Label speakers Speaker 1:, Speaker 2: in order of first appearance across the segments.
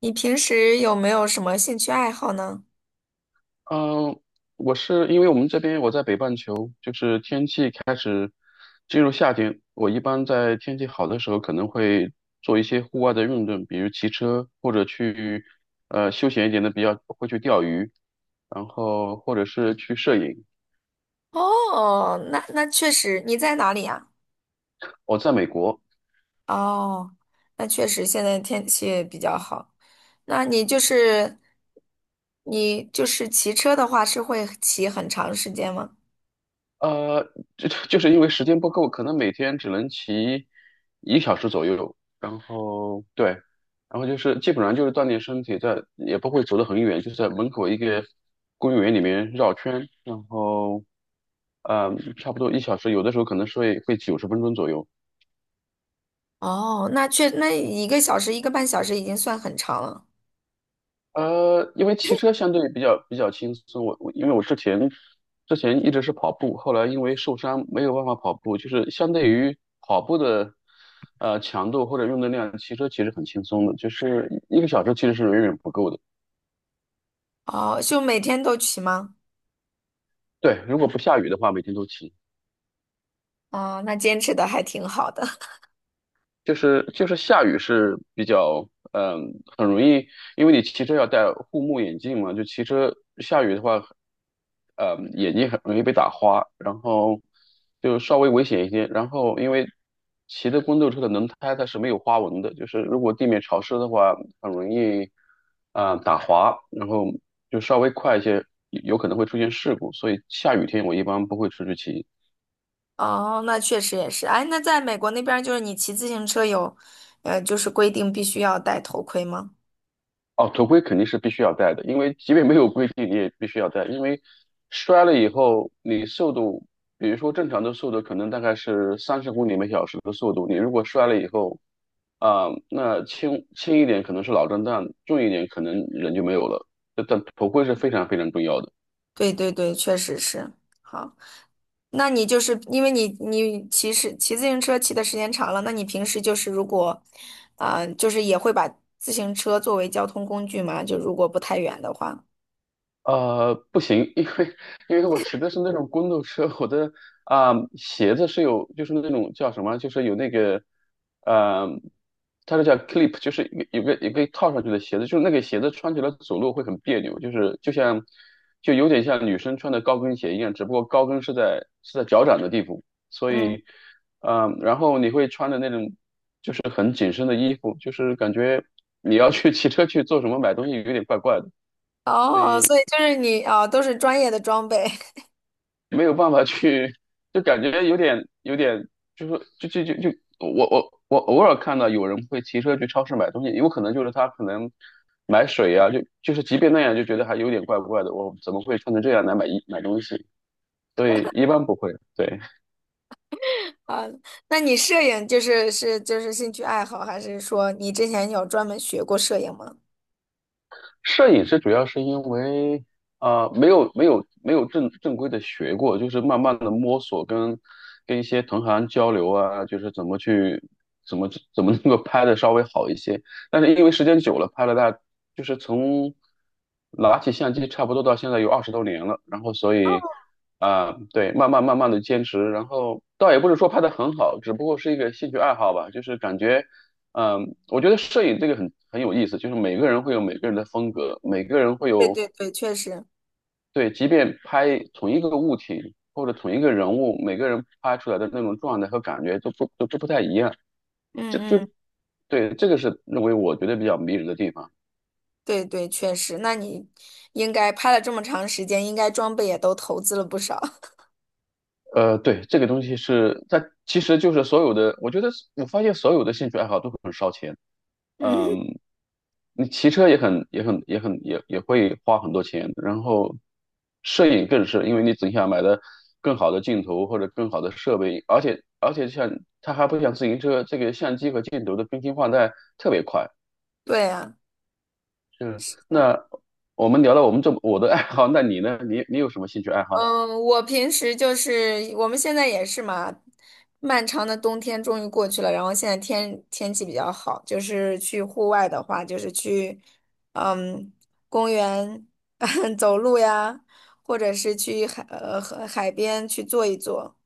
Speaker 1: 你平时有没有什么兴趣爱好呢？
Speaker 2: 嗯，我是因为我们这边我在北半球，就是天气开始进入夏天。我一般在天气好的时候可能会做一些户外的运动，比如骑车或者去休闲一点的，比较会去钓鱼，然后或者是去摄影。
Speaker 1: 哦，那确实，你在哪里呀？
Speaker 2: 我在美国。
Speaker 1: 哦，那确实现在天气也比较好。那你就是骑车的话，是会骑很长时间吗？
Speaker 2: 呃，就 就是因为时间不够，可能每天只能骑一个小时左右。然后对，然后就是基本上就是锻炼身体在，也不会走得很远，就是在门口一个公园里面绕圈，然后呃，差不多1小时，有的时候可能是会90分钟左右。
Speaker 1: 哦，那一个小时一个半小时已经算很长了。
Speaker 2: 因为骑车相对比较轻松，我因为我之前一直是跑步，后来因为受伤没有办法跑步，就是相对于跑步的强度或者用的量，骑车其实很轻松的，就是一个小时其实是远远不够的。
Speaker 1: 哦，就每天都骑吗？
Speaker 2: 对，如果不下雨的话，每天都骑。
Speaker 1: 哦，那坚持的还挺好的。
Speaker 2: 就是下雨是比较，嗯，很容易，因为你骑车要戴护目眼镜嘛，就骑车下雨的话，眼睛很容易被打花，然后就稍微危险一些。然后因为骑的公路车的轮胎它是没有花纹的，就是如果地面潮湿的话，很容易打滑，然后就稍微快一些，有可能会出现事故。所以下雨天我一般不会出去骑。
Speaker 1: 哦，那确实也是。哎，那在美国那边儿就是你骑自行车有，就是规定必须要戴头盔吗？
Speaker 2: 哦，头盔肯定是必须要戴的，因为即便没有规定，你也必须要戴。因为摔了以后，你速度，比如说正常的速度可能大概是30公里每小时的速度，你如果摔了以后，那轻轻一点可能是脑震荡，重一点可能人就没有了。但头盔是非常非常重要的。
Speaker 1: 对对对，确实是。好，那你就是因为你骑是骑自行车骑的时间长了，那你平时就是如果，就是也会把自行车作为交通工具嘛？就如果不太远的话。
Speaker 2: 呃，不行，因为我骑的是那种公路车，我的鞋子是有，就是那种叫什么，就是有那个，呃，它是叫 clip，就是有个套上去的鞋子，就是那个鞋子穿起来走路会很别扭，就是就像就有点像女生穿的高跟鞋一样，只不过高跟是在脚掌的地方，所
Speaker 1: 嗯，
Speaker 2: 以，然后你会穿的那种就是很紧身的衣服，就是感觉你要去 骑车去做什么买东西有点怪怪的，所
Speaker 1: 哦，
Speaker 2: 以。
Speaker 1: 所以就是你啊，都是专业的装备
Speaker 2: 没有办法去，就感觉有点有点，就是就就就就我偶尔看到有人会骑车去超市买东西，有可能就是他可能买水啊，就就是即便那样就觉得还有点怪怪的，我怎么会穿成这样来买东西？所以一般不会，对。
Speaker 1: 啊。那你摄影就是兴趣爱好，还是说你之前有专门学过摄影吗？
Speaker 2: 摄影师主要是因为没有正规的学过，就是慢慢的摸索跟一些同行交流啊，就是怎么去怎么怎么能够拍的稍微好一些。但是因为时间久了，拍了大就是从拿起相机差不多到现在有20多年了，然后所以对，慢慢的坚持，然后倒也不是说拍的很好，只不过是一个兴趣爱好吧，就是感觉嗯，我觉得摄影这个很有意思，就是每个人会有每个人的风格，每个人会
Speaker 1: 对
Speaker 2: 有，
Speaker 1: 对对，确实，
Speaker 2: 对，即便拍同一个物体或者同一个人物，每个人拍出来的那种状态和感觉都不都都不太一样。这
Speaker 1: 嗯
Speaker 2: 就
Speaker 1: 嗯，
Speaker 2: 对，这个是认为我觉得比较迷人的地方。
Speaker 1: 对对，确实。那你应该拍了这么长时间，应该装备也都投资了不少。
Speaker 2: 呃，对，这个东西是它其实就是所有的，我觉得我发现所有的兴趣爱好都很烧钱。
Speaker 1: 嗯，
Speaker 2: 嗯，你骑车也会花很多钱，然后摄影更是，因为你总想买的更好的镜头或者更好的设备，而且像它还不像自行车，这个相机和镜头的更新换代特别快。
Speaker 1: 对呀，
Speaker 2: 是，那我们聊到我们这我的爱好，那你呢？你有什么兴趣爱好？
Speaker 1: 嗯，我平时就是我们现在也是嘛，漫长的冬天终于过去了，然后现在天天气比较好，就是去户外的话，就是去嗯公园 走路呀，或者是去和海边去坐一坐。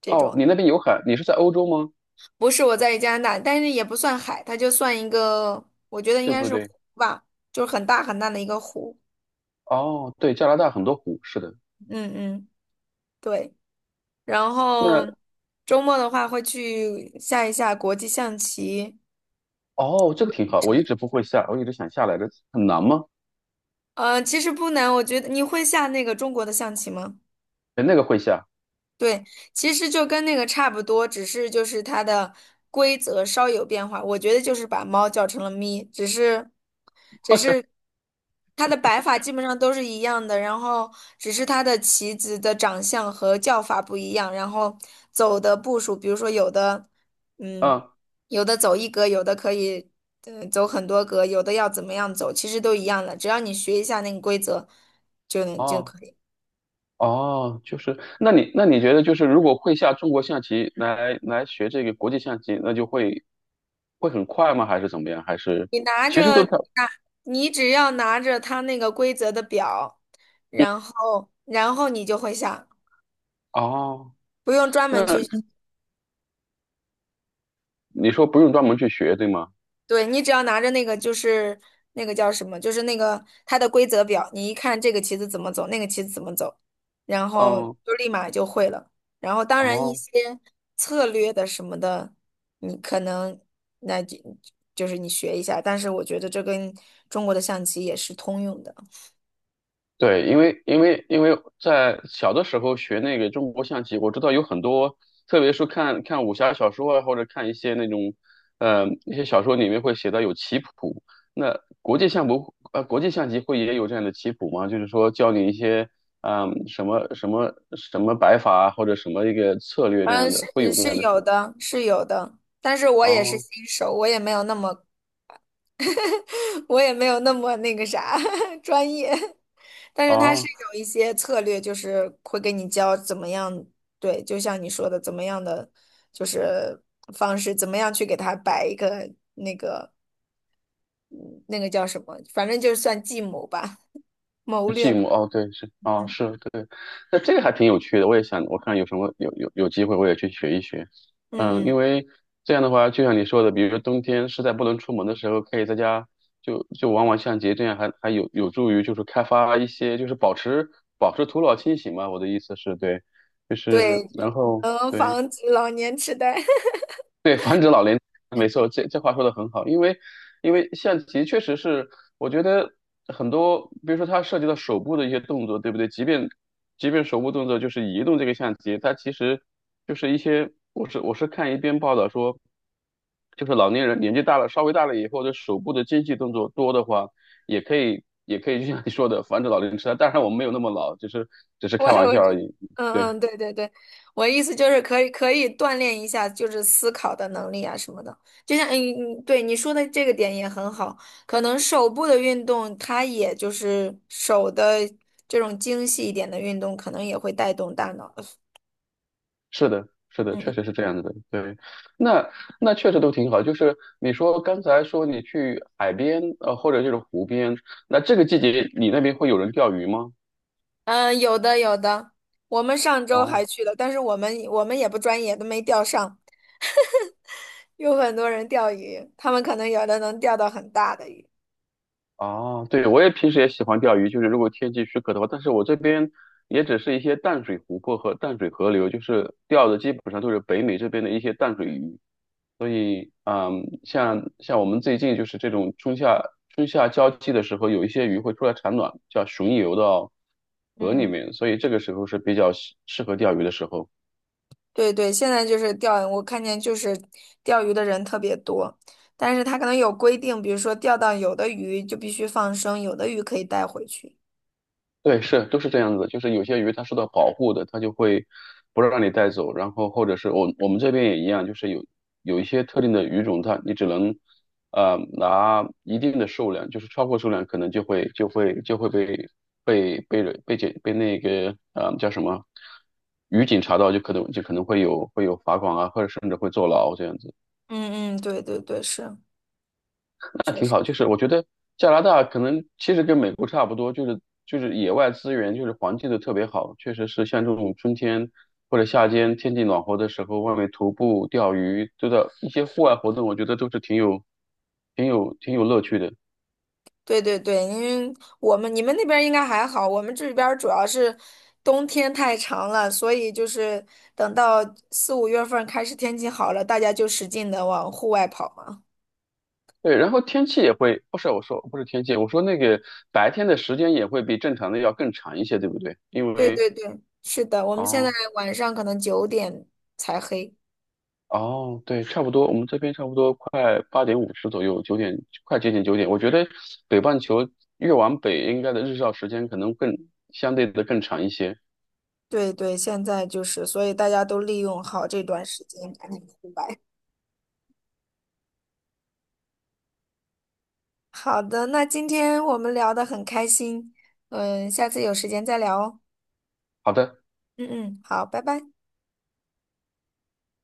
Speaker 1: 这
Speaker 2: 哦，你
Speaker 1: 种。
Speaker 2: 那边有海，你是在欧洲吗？
Speaker 1: 不是我在加拿大，但是也不算海，它就算一个，我觉得应
Speaker 2: 对
Speaker 1: 该
Speaker 2: 不
Speaker 1: 是湖
Speaker 2: 对？
Speaker 1: 吧，就是很大很大的一个湖。
Speaker 2: 哦，对，加拿大很多湖，是的。
Speaker 1: 嗯嗯，对。然
Speaker 2: 那
Speaker 1: 后周末的话会去下一下国际象棋
Speaker 2: 哦，这个挺好，
Speaker 1: 什
Speaker 2: 我
Speaker 1: 么
Speaker 2: 一
Speaker 1: 的。
Speaker 2: 直不会下，我一直想下来的，很难吗？
Speaker 1: 其实不难，我觉得你会下那个中国的象棋吗？
Speaker 2: 那个会下，
Speaker 1: 对，其实就跟那个差不多，只是就是它的规则稍有变化。我觉得就是把猫叫成了咪，只是，只
Speaker 2: 就
Speaker 1: 是它的摆法基本上都是一样的，然后只是它的棋子的长相和叫法不一样，然后走的步数，比如说有的，嗯，
Speaker 2: 嗯
Speaker 1: 有的走一格，有的可以，走很多格，有的要怎么样走，其实都一样的，只要你学一下那个规则，就能就
Speaker 2: 哦
Speaker 1: 可以。
Speaker 2: 哦，就是那你觉得就是如果会下中国象棋来学这个国际象棋，那就会很快吗？还是怎么样？还是
Speaker 1: 你拿
Speaker 2: 其实都
Speaker 1: 着。
Speaker 2: 差
Speaker 1: 你只要拿着它那个规则的表，然后你就会下，
Speaker 2: 哦？
Speaker 1: 不用专门
Speaker 2: 那
Speaker 1: 去。
Speaker 2: 你说不用专门去学，对吗？
Speaker 1: 对，你只要拿着那个就是那个叫什么，就是那个它的规则表，你一看这个棋子怎么走，那个棋子怎么走，然后
Speaker 2: 嗯
Speaker 1: 就立马就会了。然后当然一
Speaker 2: 哦
Speaker 1: 些策略的什么的，你可能那就你学一下，但是我觉得这跟中国的象棋也是通用的。
Speaker 2: 对，因为在小的时候学那个中国象棋，我知道有很多，特别是看看武侠小说啊，或者看一些那种，呃，一些小说里面会写到有棋谱。那国际象不，呃，国际象棋会也有这样的棋谱吗？就是说教你一些，什么什么什么摆法啊，或者什么一个策略这
Speaker 1: 嗯，
Speaker 2: 样
Speaker 1: 是
Speaker 2: 的，会有这
Speaker 1: 是
Speaker 2: 样的
Speaker 1: 有
Speaker 2: 书。
Speaker 1: 的，是有的，但是我也是
Speaker 2: 哦
Speaker 1: 新手，我也没有那么，我也没有那么那个啥 专业，但是他是
Speaker 2: 哦
Speaker 1: 有一些策略，就是会给你教怎么样，对，就像你说的，怎么样的就是方式，怎么样去给他摆一个，嗯那个叫什么，反正就算计谋吧，谋略
Speaker 2: 寂
Speaker 1: 吧，
Speaker 2: 寞哦，对，是啊、哦，
Speaker 1: 嗯
Speaker 2: 是对，那这个还挺有趣的，我也想，我看有什么有机会我也去学一学，
Speaker 1: 嗯
Speaker 2: 嗯，
Speaker 1: 嗯，
Speaker 2: 因为这样的话，就像你说的，比如说冬天实在不能出门的时候，可以在家就玩玩相机这样还有助于就是开发一些就是保持头脑清醒嘛，我的意思是对，就是
Speaker 1: 对，
Speaker 2: 然后
Speaker 1: 能
Speaker 2: 对。
Speaker 1: 防止老年痴呆。
Speaker 2: 对，防止老年，没错，这话说的很好，因为象棋确实是，我觉得很多，比如说它涉及到手部的一些动作，对不对？即便手部动作就是移动这个相机，它其实就是一些，我是看一篇报道说，就是老年人年纪大了，稍微大了以后，这手部的精细动作多的话，也可以就像你说的，防止老年痴呆。当然我们没有那么老，只是只 是
Speaker 1: 我
Speaker 2: 开玩
Speaker 1: 我
Speaker 2: 笑而已。
Speaker 1: 嗯
Speaker 2: 对。
Speaker 1: 嗯，对对对，我意思就是可以锻炼一下，就是思考的能力啊什么的。就像嗯嗯，对你说的这个点也很好，可能手部的运动，它也就是手的这种精细一点的运动，可能也会带动大脑的。
Speaker 2: 是的，是的，
Speaker 1: 嗯
Speaker 2: 确实是这样子的。对，那那确实都挺好。就是你说刚才说你去海边，呃，或者就是湖边，那这个季节你那边会有人钓鱼吗？
Speaker 1: 嗯，有的有的，我们上周还
Speaker 2: 哦
Speaker 1: 去了，但是我们也不专业，都没钓上。有很多人钓鱼，他们可能有的能钓到很大的鱼。
Speaker 2: 哦，对，我也平时也喜欢钓鱼，就是如果天气许可的话，但是我这边也只是一些淡水湖泊和淡水河流，就是钓的基本上都是北美这边的一些淡水鱼。嗯，像我们最近就是这种春夏交替的时候，有一些鱼会出来产卵，叫巡游到河里
Speaker 1: 嗯。
Speaker 2: 面，所以这个时候是比较适合钓鱼的时候。
Speaker 1: 对对，现在就是钓，我看见就是钓鱼的人特别多，但是他可能有规定，比如说钓到有的鱼就必须放生，有的鱼可以带回去。
Speaker 2: 对，是，都是这样子就是有些鱼它受到保护的，它就会不让你带走，然后或者是我们这边也一样，就是有一些特定的鱼种，它你只能拿一定的数量，就是超过数量可能就会被被被人被检被那个叫什么渔警查到，就可能会有罚款啊，或者甚至会坐牢这样子。
Speaker 1: 嗯嗯，对对对，是，
Speaker 2: 那
Speaker 1: 确
Speaker 2: 挺
Speaker 1: 实，
Speaker 2: 好，就是我觉得加拿大可能其实跟美国差不多，就是野外资源就是环境都特别好，确实是像这种春天或者夏天天气暖和的时候，外面徒步、钓鱼，都的一些户外活动，我觉得都是挺有乐趣的。
Speaker 1: 对对对，因为我们你们那边儿应该还好，我们这边儿主要是冬天太长了，所以就是等到4、5月份儿开始天气好了，大家就使劲的往户外跑嘛。
Speaker 2: 对，然后天气也会，不是我说不是天气，我说那个白天的时间也会比正常的要更长一些，对不对？因
Speaker 1: 对
Speaker 2: 为
Speaker 1: 对对，是的，我们现在
Speaker 2: 哦。
Speaker 1: 晚上可能9点才黑。
Speaker 2: 哦，对，差不多，我们这边差不多快8:50左右，快接近九点。我觉得北半球越往北，应该的日照时间可能更相对的更长一些。
Speaker 1: 对对，现在就是，所以大家都利用好这段时间，赶紧出来。好的，那今天我们聊得很开心，嗯，下次有时间再聊哦。
Speaker 2: 好的。
Speaker 1: 嗯嗯，好，拜拜。